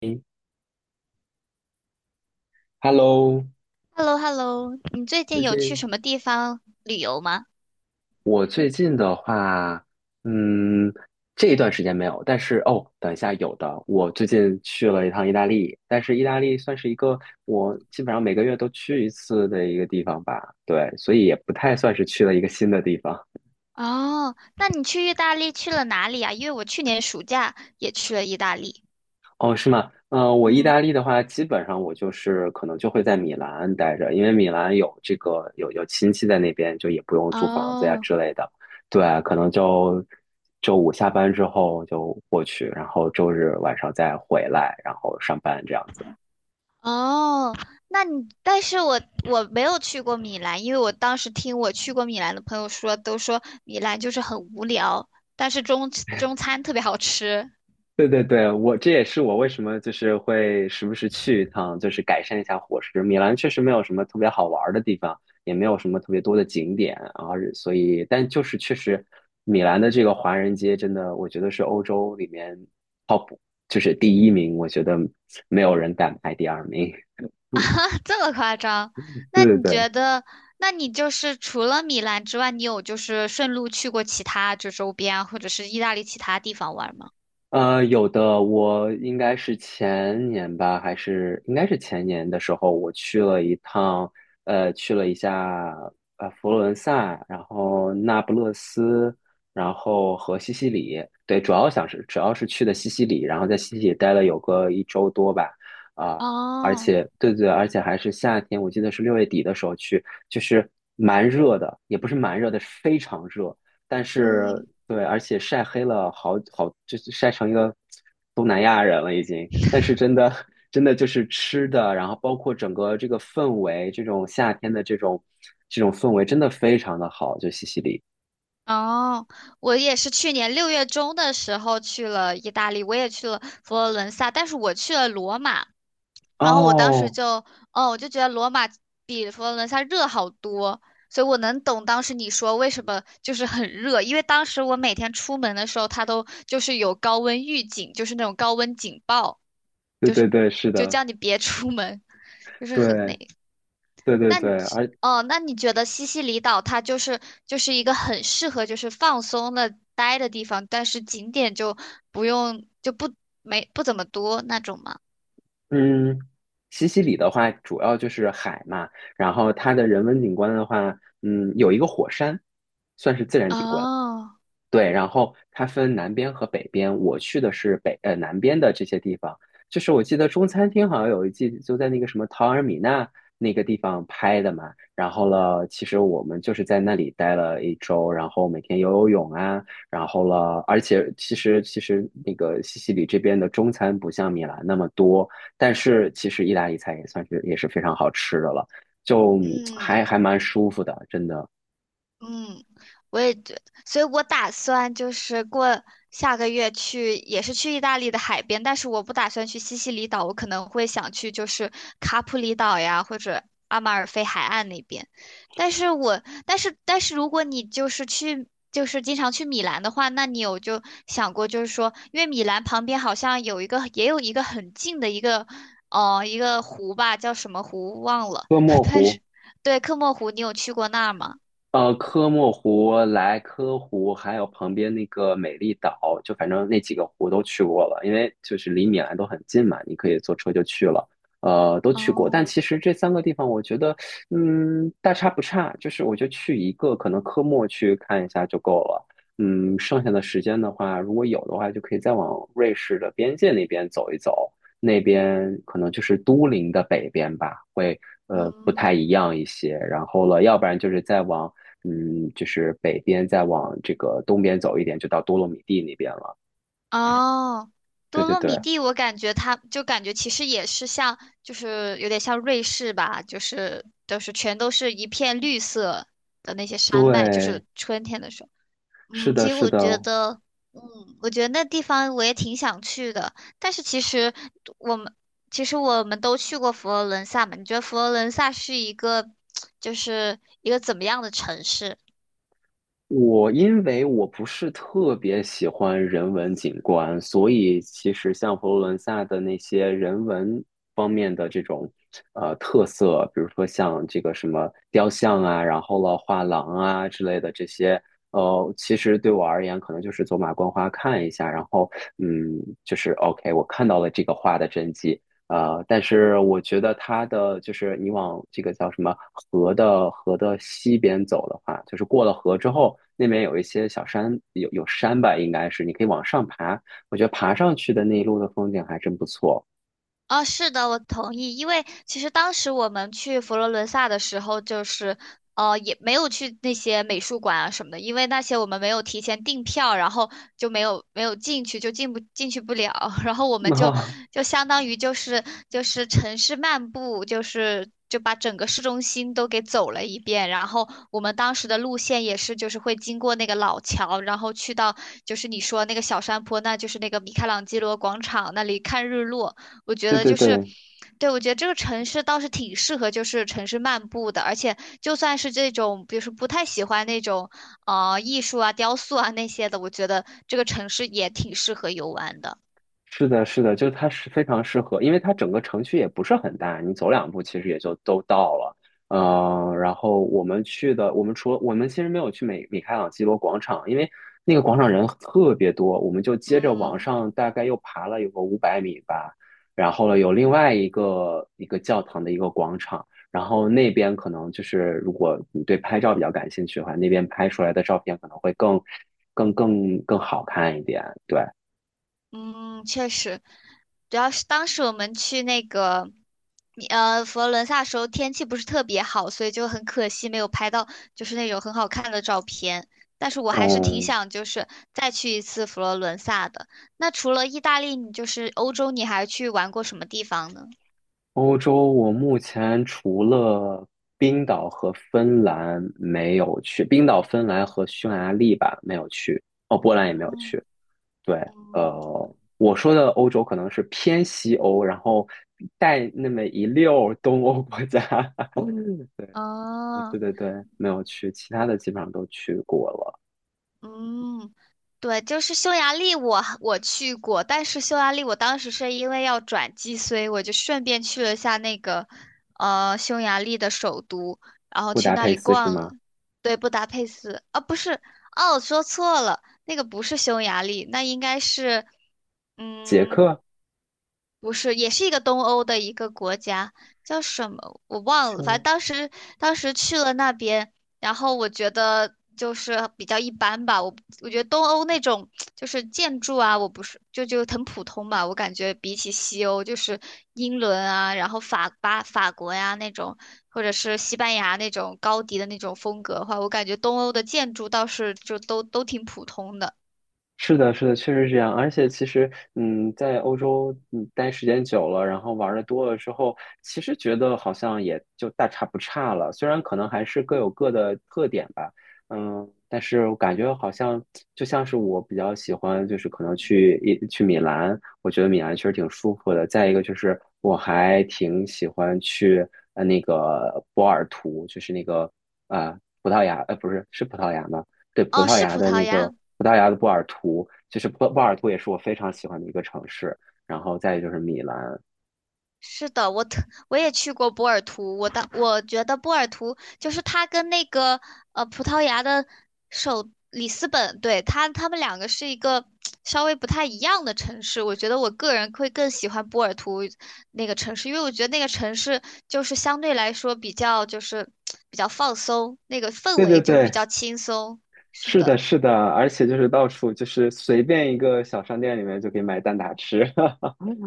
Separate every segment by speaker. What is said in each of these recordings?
Speaker 1: 诶 Hello，
Speaker 2: h e l l o h e l l o 你最近
Speaker 1: 最
Speaker 2: 有去
Speaker 1: 近
Speaker 2: 什么地方旅游吗？
Speaker 1: 我最近的话，嗯，这一段时间没有，但是哦，等一下有的。我最近去了一趟意大利，但是意大利算是一个我基本上每个月都去一次的一个地方吧，对，所以也不太算是去了一个新的地方。
Speaker 2: 哦，那你去意大利去了哪里啊？因为我去年暑假也去了意大利。
Speaker 1: 哦，是吗？我意
Speaker 2: 嗯，
Speaker 1: 大利的话，基本上我就是可能就会在米兰待着，因为米兰有这个有亲戚在那边，就也不用租房子呀
Speaker 2: 哦
Speaker 1: 之类的。对，可能就周五下班之后就过去，然后周日晚上再回来，然后上班这样子。
Speaker 2: 哦，那你，但是我没有去过米兰，因为我当时听我去过米兰的朋友说，都说米兰就是很无聊，但是中餐特别好吃。
Speaker 1: 对对对，我这也是我为什么就是会时不时去一趟，就是改善一下伙食。米兰确实没有什么特别好玩儿的地方，也没有什么特别多的景点，然后所以，但就是确实，米兰的这个华人街真的，我觉得是欧洲里面 top，就是第一名，我觉得没有人敢排第二名。
Speaker 2: 这么夸张？
Speaker 1: 对
Speaker 2: 那
Speaker 1: 对
Speaker 2: 你觉
Speaker 1: 对。
Speaker 2: 得，那你就是除了米兰之外，你有就是顺路去过其他就周边啊或者是意大利其他地方玩吗？
Speaker 1: 有的，我应该是前年吧，还是应该是前年的时候，我去了一趟，去了一下佛罗伦萨，然后那不勒斯，然后和西西里，对，主要是去的西西里，然后在西西里待了有个一周多吧，啊、而
Speaker 2: 哦，
Speaker 1: 且对对，而且还是夏天，我记得是六月底的时候去，就是蛮热的，也不是蛮热的，是非常热。但是
Speaker 2: 嗯，
Speaker 1: 对，而且晒黑了好好，就是晒成一个东南亚人了已经。但是真的 真的就是吃的，然后包括整个这个氛围，这种夏天的这种氛围，真的非常的好，就西西里。
Speaker 2: 哦，我也是去年六月中的时候去了意大利，我也去了佛罗伦萨，但是我去了罗马。然后我当时
Speaker 1: 哦，
Speaker 2: 就，哦，我就觉得罗马比佛罗伦萨热好多，所以我能懂当时你说为什么就是很热，因为当时我每天出门的时候，它都就是有高温预警，就是那种高温警报，
Speaker 1: 对
Speaker 2: 就
Speaker 1: 对
Speaker 2: 是
Speaker 1: 对，是
Speaker 2: 就
Speaker 1: 的，
Speaker 2: 叫你别出门，就是很那。
Speaker 1: 对对对
Speaker 2: 那你
Speaker 1: 对，
Speaker 2: 觉哦，那你觉得西西里岛它就是就是一个很适合就是放松的待的地方，但是景点就不用就不没不怎么多那种吗？
Speaker 1: 嗯，西西里的话主要就是海嘛，然后它的人文景观的话，有一个火山，算是自然景观。
Speaker 2: 哦，
Speaker 1: 对，然后它分南边和北边，我去的是南边的这些地方。就是我记得中餐厅好像有一季就在那个什么陶尔米纳那个地方拍的嘛。然后了，其实我们就是在那里待了一周，然后每天游泳啊，然后了，而且其实那个西西里这边的中餐不像米兰那么多，但是其实意大利菜也是非常好吃的了，就嗯
Speaker 2: 嗯。
Speaker 1: 还还蛮舒服的，真的。
Speaker 2: 嗯，我也觉，所以我打算就是过下个月去，也是去意大利的海边，但是我不打算去西西里岛，我可能会想去就是卡普里岛呀，或者阿马尔菲海岸那边。但是如果你就是去，就是经常去米兰的话，那你有就想过，就是说，因为米兰旁边好像有一个，也有一个很近的一个，哦，一个湖吧，叫什么湖忘了，
Speaker 1: 哥 莫
Speaker 2: 但是
Speaker 1: 湖。
Speaker 2: 对，科莫湖，你有去过那儿吗？
Speaker 1: 科莫湖、莱科湖，还有旁边那个美丽岛，就反正那几个湖都去过了，因为就是离米兰都很近嘛，你可以坐车就去了。都去过，
Speaker 2: 哦，
Speaker 1: 但其实这三个地方，我觉得，大差不差，就是我就去一个，可能科莫去看一下就够了。剩下的时间的话，如果有的话，就可以再往瑞士的边界那边走一走，那边可能就是都灵的北边吧，会不
Speaker 2: 嗯，
Speaker 1: 太一样一些。然后了，要不然就是再往。就是北边再往这个东边走一点，就到多洛米蒂那边了。
Speaker 2: 哦，
Speaker 1: 对
Speaker 2: 多
Speaker 1: 对
Speaker 2: 洛米
Speaker 1: 对
Speaker 2: 蒂，我感觉它就感觉其实也是像，就是有点像瑞士吧，就是都是全都是一片绿色的那些山脉，就
Speaker 1: 对，
Speaker 2: 是春天的时候。
Speaker 1: 是
Speaker 2: 嗯，
Speaker 1: 的，
Speaker 2: 其实
Speaker 1: 是
Speaker 2: 我觉
Speaker 1: 的。
Speaker 2: 得，嗯，我觉得那地方我也挺想去的，但是我们其实我们都去过佛罗伦萨嘛，你觉得佛罗伦萨是一个就是一个怎么样的城市？
Speaker 1: 因为我不是特别喜欢人文景观，所以其实像佛罗伦萨的那些人文方面的这种特色，比如说像这个什么雕像啊，然后了画廊啊之类的这些，其实对我而言可能就是走马观花看一下，然后嗯，就是 OK，我看到了这个画的真迹，但是我觉得它的就是你往这个叫什么河的西边走的话，就是过了河之后，那边有一些小山，有山吧，应该是你可以往上爬。我觉得爬上去的那一路的风景还真不错。
Speaker 2: 哦，是的，我同意。因为其实当时我们去佛罗伦萨的时候，就是也没有去那些美术馆啊什么的，因为那些我们没有提前订票，然后就没有进去，就进去不了。然后我 们就
Speaker 1: 啊，
Speaker 2: 就相当于就是就是城市漫步，就是就把整个市中心都给走了一遍。然后我们当时的路线也是，就是会经过那个老桥，然后去到就是你说那个小山坡，那就是那个米开朗基罗广场那里看日落。我觉
Speaker 1: 对
Speaker 2: 得
Speaker 1: 对
Speaker 2: 就是，
Speaker 1: 对，
Speaker 2: 对，我觉得这个城市倒是挺适合就是城市漫步的，而且就算是这种，比如说不太喜欢那种啊艺术啊、雕塑啊那些的，我觉得这个城市也挺适合游玩的。
Speaker 1: 是的，是的，就它是非常适合，因为它整个城区也不是很大，你走两步其实也就都到了。嗯、我们其实没有去米开朗基罗广场，因为那个广场人特别多，我们就接着往
Speaker 2: 嗯。
Speaker 1: 上大概又爬了有个500米吧，然后呢有另外一个教堂的一个广场，然后那边可能就是如果你对拍照比较感兴趣的话，那边拍出来的照片可能会更好看一点，对。
Speaker 2: 嗯，确实，主要是当时我们去那个，佛罗伦萨时候天气不是特别好，所以就很可惜没有拍到就是那种很好看的照片。但是我还是挺
Speaker 1: 嗯，
Speaker 2: 想就是再去一次佛罗伦萨的。那除了意大利，你就是欧洲，你还去玩过什么地方呢？
Speaker 1: 欧洲，我目前除了冰岛和芬兰没有去，冰岛、芬兰和匈牙利吧没有去，哦，波兰也没有
Speaker 2: 嗯
Speaker 1: 去。对，
Speaker 2: 嗯，
Speaker 1: 我说的欧洲可能是偏西欧，然后带那么一溜儿东欧国家。嗯对对
Speaker 2: 哦。
Speaker 1: 对对，没有去，其他的基本上都去过了。
Speaker 2: 嗯，对，就是匈牙利我去过，但是匈牙利我当时是因为要转机，所以我就顺便去了下那个匈牙利的首都，然后
Speaker 1: 布
Speaker 2: 去
Speaker 1: 达
Speaker 2: 那
Speaker 1: 佩
Speaker 2: 里
Speaker 1: 斯是
Speaker 2: 逛，
Speaker 1: 吗？
Speaker 2: 对，布达佩斯啊，不是，哦，我说错了，那个不是匈牙利，那应该是
Speaker 1: 捷
Speaker 2: 嗯。
Speaker 1: 克？
Speaker 2: 不是，也是一个东欧的一个国家，叫什么我忘了。反正当时去了那边，然后我觉得就是比较一般吧。我觉得东欧那种就是建筑啊，我不是就很普通吧。我感觉比起西欧，就是英伦啊，然后法国呀、那种，或者是西班牙那种高迪的那种风格的话，我感觉东欧的建筑倒是就都挺普通的。
Speaker 1: 是的，是的，确实是这样。而且其实，在欧洲待时间久了，然后玩的多了之后，其实觉得好像也就大差不差了。虽然可能还是各有各的特点吧，但是我感觉好像就像是我比较喜欢，就是可能去一去米兰，我觉得米兰确实挺舒服的。再一个就是我还挺喜欢去那个波尔图，就是那个葡萄牙，不是，是葡萄牙吗？对，
Speaker 2: 哦，是葡萄牙。
Speaker 1: 葡萄牙的波尔图，就是波尔图也是我非常喜欢的一个城市。然后再就是米兰，
Speaker 2: 是的，我也去过波尔图，我觉得波尔图就是它跟那个葡萄牙的首里斯本，对，它们两个是一个稍微不太一样的城市。我觉得我个人会更喜欢波尔图那个城市，因为我觉得那个城市就是相对来说比较就是比较放松，那个氛
Speaker 1: 对对
Speaker 2: 围就比
Speaker 1: 对，
Speaker 2: 较轻松。是
Speaker 1: 是
Speaker 2: 的。
Speaker 1: 的，是的，而且就是到处就是随便一个小商店里面就可以买蛋挞吃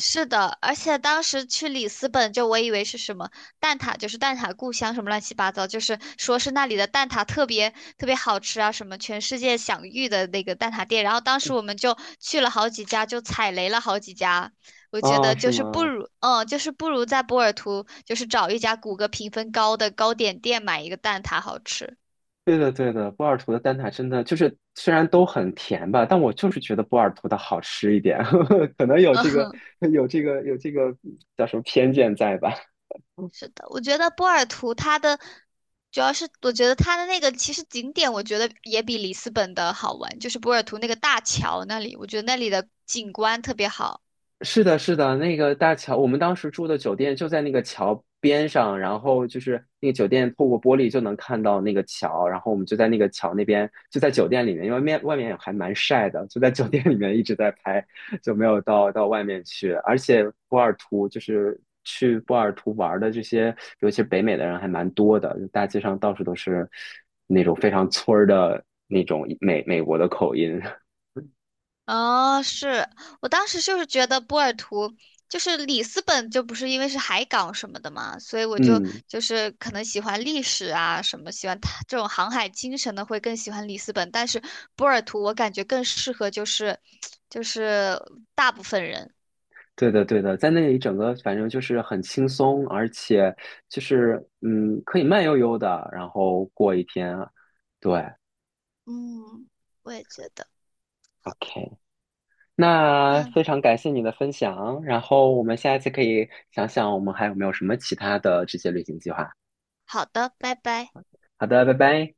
Speaker 2: 是的，而且当时去里斯本，就我以为是什么蛋挞，就是蛋挞故乡什么乱七八糟，就是说是那里的蛋挞特别特别好吃啊，什么全世界享誉的那个蛋挞店。然后当时我们就去了好几家，就踩雷了好几家。我觉
Speaker 1: 啊
Speaker 2: 得
Speaker 1: 是
Speaker 2: 就是不
Speaker 1: 吗？
Speaker 2: 如，嗯，就是不如在波尔图，就是找一家谷歌评分高的糕点店买一个蛋挞好吃。
Speaker 1: 对的，对的，波尔图的蛋挞真的就是虽然都很甜吧，但我就是觉得波尔图的好吃一点，可能有这个 有这个有这个叫什么偏见在吧？
Speaker 2: 是的，我觉得波尔图它的主要是，我觉得它的那个其实景点，我觉得也比里斯本的好玩，就是波尔图那个大桥那里，我觉得那里的景观特别好。
Speaker 1: 是的，是的，那个大桥，我们当时住的酒店就在那个桥边上，然后就是那个酒店透过玻璃就能看到那个桥，然后我们就在那个桥那边，就在酒店里面，因为外面还蛮晒的，就在酒店里面一直在拍，就没有到外面去。而且波尔图就是去波尔图玩的这些，尤其是北美的人还蛮多的，就大街上到处都是那种非常村儿的那种美国的口音，
Speaker 2: 哦，我当时就是觉得波尔图就是里斯本，就不是因为是海港什么的嘛，所以我
Speaker 1: 嗯。
Speaker 2: 就是可能喜欢历史啊什么，喜欢它这种航海精神的会更喜欢里斯本，但是波尔图我感觉更适合就是 就是大部分人。
Speaker 1: 对的，对的，在那里整个反正就是很轻松，而且就是可以慢悠悠的，然后过一天啊。对
Speaker 2: 嗯，我也觉得。好，
Speaker 1: ，OK，那
Speaker 2: 那
Speaker 1: 非常感谢你的分享，然后我们下一次可以想想我们还有没有什么其他的这些旅行计划。
Speaker 2: 好的，拜拜。
Speaker 1: 好的，拜拜。